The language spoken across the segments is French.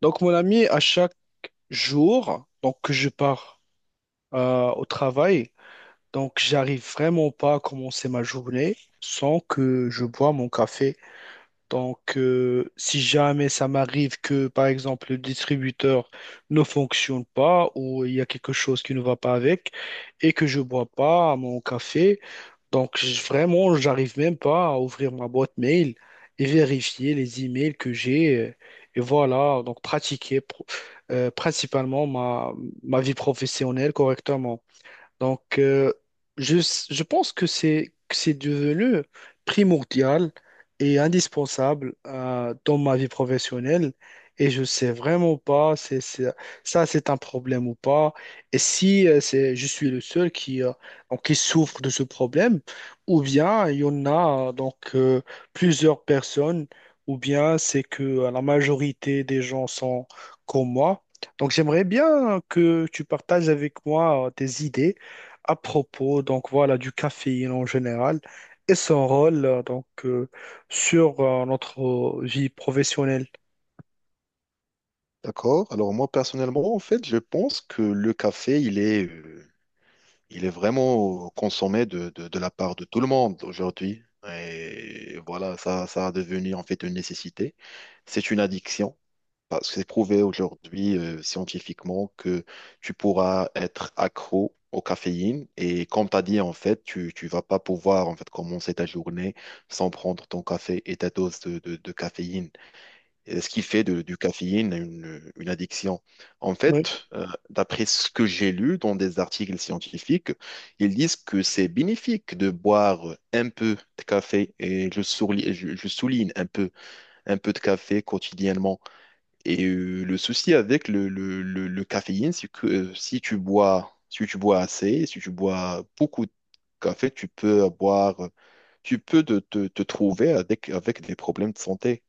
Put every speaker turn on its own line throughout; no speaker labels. Donc, mon ami, à chaque jour, donc que je pars au travail, donc j'arrive vraiment pas à commencer ma journée sans que je bois mon café. Donc, si jamais ça m'arrive que, par exemple, le distributeur ne fonctionne pas ou il y a quelque chose qui ne va pas avec et que je bois pas mon café, donc, vraiment, j'arrive même pas à ouvrir ma boîte mail et vérifier les emails que j'ai. Et voilà, donc pratiquer principalement ma vie professionnelle correctement. Donc, je, je pense que c'est devenu primordial et indispensable dans ma vie professionnelle, et je sais vraiment pas ça c'est un problème ou pas, et si je suis le seul donc, qui souffre de ce problème, ou bien il y en a plusieurs personnes, ou bien c'est que la majorité des gens sont comme moi. Donc j'aimerais bien que tu partages avec moi tes idées à propos donc voilà du caféine en général, et son rôle sur notre vie professionnelle.
D'accord. Alors moi personnellement, en fait, je pense que le café, il est vraiment consommé de la part de tout le monde aujourd'hui. Et voilà, ça a devenu en fait une nécessité. C'est une addiction parce que c'est prouvé aujourd'hui scientifiquement que tu pourras être accro au caféine. Et comme tu as dit, en fait, tu ne vas pas pouvoir en fait commencer ta journée sans prendre ton café et ta dose de caféine. Et ce qui fait du caféine une addiction. En
Oui,
fait, d'après ce que j'ai lu dans des articles scientifiques, ils disent que c'est bénéfique de boire un peu de café, et je souligne un peu de café quotidiennement. Et le souci avec le caféine, c'est que si tu bois, si tu bois assez, si tu bois beaucoup de café, tu peux te trouver avec des problèmes de santé.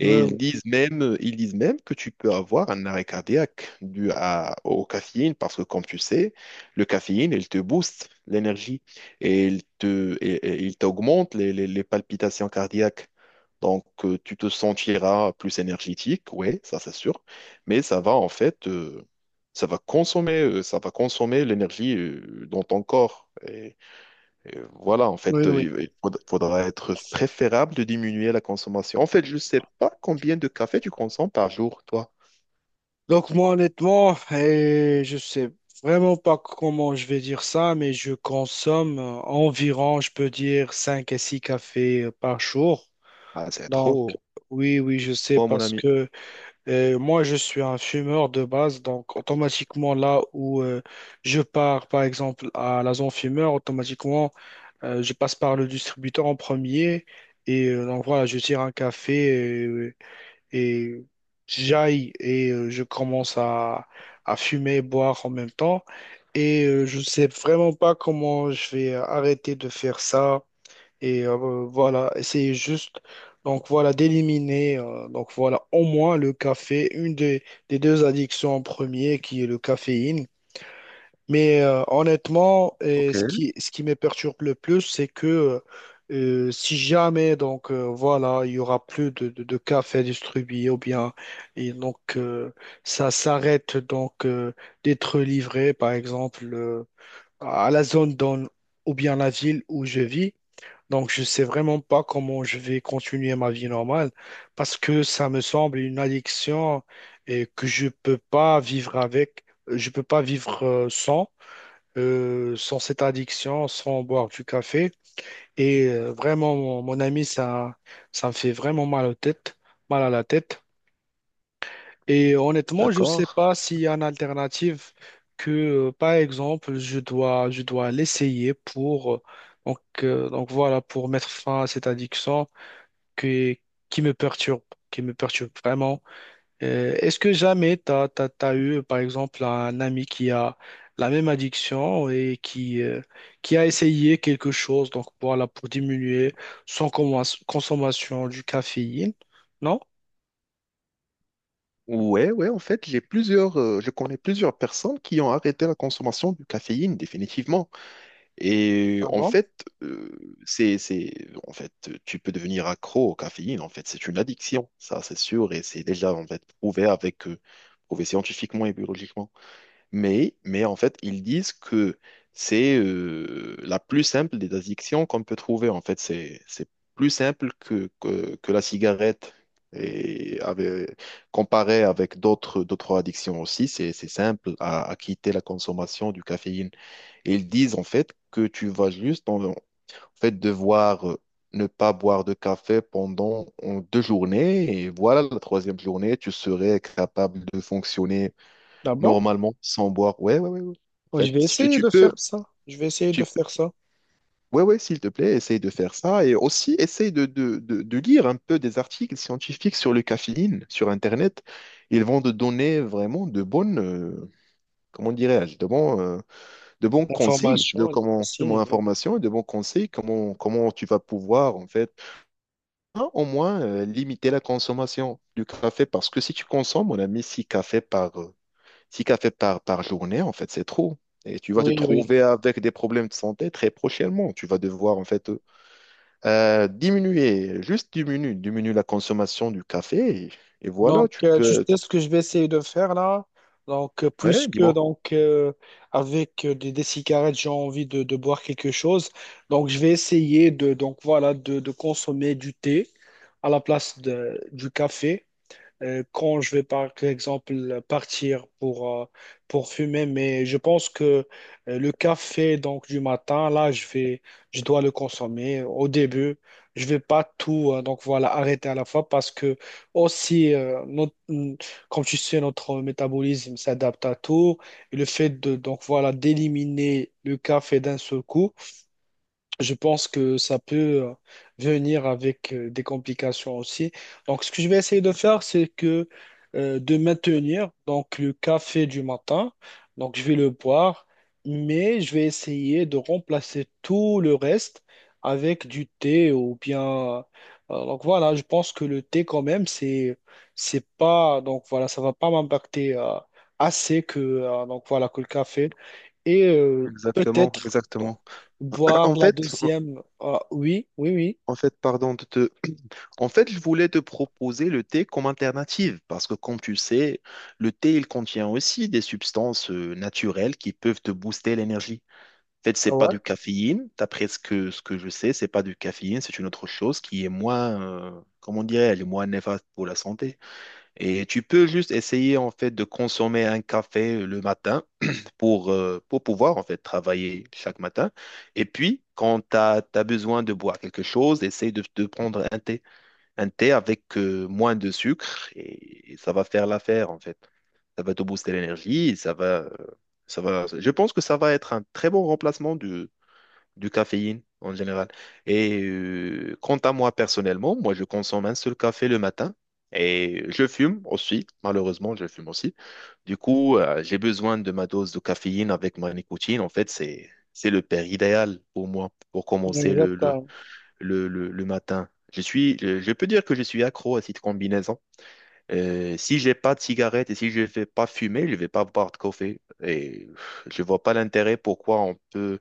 Et
oui,
ils disent même que tu peux avoir un arrêt cardiaque dû au caféine parce que, comme tu sais, le caféine, il te booste l'énergie et et il t'augmente les palpitations cardiaques. Donc, tu te sentiras plus énergétique, oui, ça c'est sûr, mais ça va en fait, ça va consommer l'énergie dans ton corps. Et voilà, en fait,
oui, oui.
il faudra être préférable de diminuer la consommation. En fait, je ne sais pas combien de café tu consommes par jour, toi.
Donc moi honnêtement, et je sais vraiment pas comment je vais dire ça, mais je consomme environ, je peux dire, 5 à 6 cafés par jour.
Ah, c'est
Donc
trop.
oui, oui, je sais,
Oh, mon
parce
ami.
que moi, je suis un fumeur de base. Donc automatiquement, là où je pars, par exemple, à la zone fumeur, automatiquement, je passe par le distributeur en premier. Et donc voilà, je tire un café euh, et j'aille et je commence à fumer et boire en même temps. Et je ne sais vraiment pas comment je vais arrêter de faire ça, et voilà, c'est juste, donc voilà, d'éliminer, donc voilà, au moins le café, des deux addictions en premier, qui est le caféine. Mais honnêtement, et
Ok.
ce qui me perturbe le plus, c'est que si jamais, donc voilà, il y aura plus de café distribué, ou bien, et donc ça s'arrête donc d'être livré, par exemple, à la zone dans, ou bien la ville où je vis. Donc, je ne sais vraiment pas comment je vais continuer ma vie normale, parce que ça me semble une addiction et que je ne peux pas vivre avec, je peux pas vivre sans, sans cette addiction, sans boire du café. Et vraiment, mon ami, ça me fait vraiment mal aux têtes, mal à la tête. Et honnêtement, je ne
D'accord.
sais pas s'il y a une alternative que, par exemple, je dois l'essayer pour, donc voilà, pour mettre fin à cette addiction qui, qui me perturbe, qui me perturbe vraiment. Est-ce que jamais tu as eu, par exemple, un ami qui a la même addiction et qui a essayé quelque chose, donc voilà, pour diminuer son consommation du caféine? Non?
Ouais, ouais, en fait, j'ai plusieurs, je connais plusieurs personnes qui ont arrêté la consommation de caféine, définitivement. Et
Ah
en
bon?
fait, en fait, tu peux devenir accro au caféine, en fait, c'est une addiction, ça, c'est sûr, et c'est déjà, en fait, prouvé avec, prouvé scientifiquement et biologiquement. Mais en fait, ils disent que c'est la plus simple des addictions qu'on peut trouver. En fait, c'est plus simple que la cigarette. Et avec- Comparé avec d'autres addictions aussi, c'est simple à quitter la consommation du caféine. Et ils disent en fait que tu vas juste en fait devoir ne pas boire de café pendant deux journées et voilà la troisième journée, tu serais capable de fonctionner
Ah bon?
normalement, sans boire. Ouais, ouais, ouais, ouais. En
Bon, je
fait,
vais
si tu,
essayer
tu
de
peux,
faire ça. Je vais essayer de
tu peux-
faire ça.
ouais, ouais, s'il te plaît, essaye de faire ça. Et aussi, essaye de lire un peu des articles scientifiques sur le caféine, sur Internet. Ils vont te donner vraiment de bonnes, comment dirais-je, de bons conseils, de
L'information, elle est
comment, de mon
passée.
information et de bons conseils, comment, comment tu vas pouvoir, en fait, hein, au moins, limiter la consommation du café. Parce que si tu consommes, on a mis six cafés par, six cafés par journée, en fait, c'est trop. Et tu vas te
Oui, oui, oui.
trouver avec des problèmes de santé très prochainement. Tu vas devoir, en fait, diminuer, juste diminuer, diminuer la consommation du café. Et voilà,
Donc,
tu
tu
peux...
sais ce que je vais essayer de faire là. Donc,
Ouais,
puisque
dis-moi.
donc avec des cigarettes, j'ai envie de boire quelque chose. Donc, je vais essayer de donc voilà de consommer du thé à la place du café quand je vais par exemple partir pour fumer. Mais je pense que le café donc du matin, là, je dois le consommer au début. Je vais pas tout donc voilà arrêter à la fois, parce que aussi comme tu sais notre métabolisme s'adapte à tout, et le fait de donc voilà d'éliminer le café d'un seul coup, je pense que ça peut euh, venir avec des complications aussi. Donc, ce que je vais essayer de faire, c'est que de maintenir donc le café du matin. Donc, je vais le boire, mais je vais essayer de remplacer tout le reste avec du thé ou bien. Donc voilà, je pense que le thé quand même, c'est pas donc voilà, ça va pas m'impacter assez que donc voilà que le café. Et
Exactement,
peut-être, bon,
exactement.
boire
En
la
fait,
deuxième, ah, oui, oui, oui.
en fait, pardon de te... En fait, je voulais te proposer le thé comme alternative parce que, comme tu sais, le thé, il contient aussi des substances naturelles qui peuvent te booster l'énergie. Fait, c'est
Ah
pas
ouais.
du caféine. D'après ce ce que je sais, c'est pas du caféine, c'est une autre chose qui est moins, comment dirais elle est moins néfaste pour la santé. Et tu peux juste essayer, en fait, de consommer un café le matin pour pouvoir, en fait, travailler chaque matin. Et puis, quand tu as, besoin de boire quelque chose, essaye de prendre un thé. Un thé avec moins de sucre et ça va faire l'affaire, en fait. Ça va te booster l'énergie, et ça va... je pense que ça va être un très bon remplacement du caféine en général. Et quant à moi personnellement, moi je consomme un seul café le matin et je fume aussi, malheureusement je fume aussi. Du coup, j'ai besoin de ma dose de caféine avec ma nicotine. En fait, c'est le père idéal pour moi pour commencer
Exact.
le matin. Je peux dire que je suis accro à cette combinaison. Si j'ai pas de cigarette et si je vais pas fumer, je vais pas boire de café. Et je vois pas l'intérêt pourquoi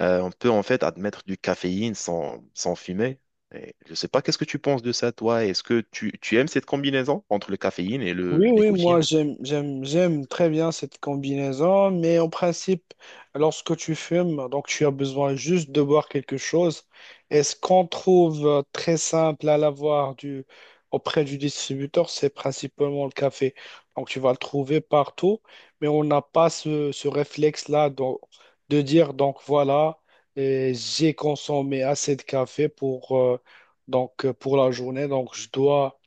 on peut en fait admettre du caféine sans, sans fumer. Et je ne sais pas, qu'est-ce que tu penses de ça, toi? Est-ce que tu aimes cette combinaison entre le caféine et
Oui,
le
oui, moi
nicotine?
j'aime, j'aime, j'aime très bien cette combinaison, mais en principe, lorsque tu fumes, donc tu as besoin juste de boire quelque chose. Et ce qu'on trouve très simple à l'avoir auprès du distributeur, c'est principalement le café. Donc tu vas le trouver partout, mais on n'a pas ce, ce réflexe-là de dire, donc voilà, et j'ai consommé assez de café pour, donc, pour la journée, donc je dois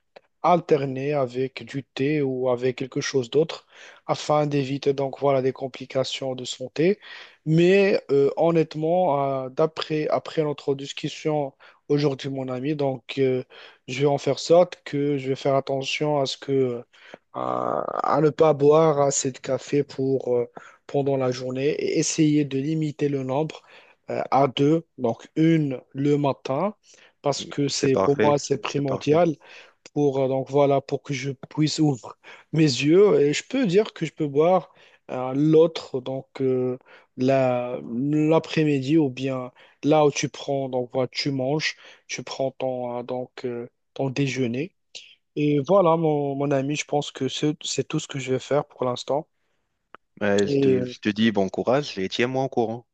alterner avec du thé ou avec quelque chose d'autre afin d'éviter donc voilà des complications de santé. Mais honnêtement, d'après après notre discussion aujourd'hui, mon ami, donc je vais en faire sorte que je vais faire attention à ce que à ne pas boire assez de café pour pendant la journée, et essayer de limiter le nombre à 2, donc une le matin. Parce que
C'est
c'est pour
parfait,
moi c'est
c'est parfait.
primordial pour donc voilà pour que je puisse ouvrir mes yeux, et je peux dire que je peux boire l'autre donc la l'après-midi, ou bien là où tu prends donc voilà tu manges, tu prends ton ton déjeuner. Et voilà, mon ami, je pense que c'est tout ce que je vais faire pour l'instant.
Ouais,
Et
je te dis bon courage et tiens-moi au courant.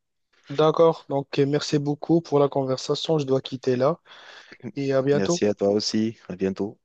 d'accord, donc merci beaucoup pour la conversation. Je dois quitter là, et à bientôt.
Merci à toi aussi, à bientôt.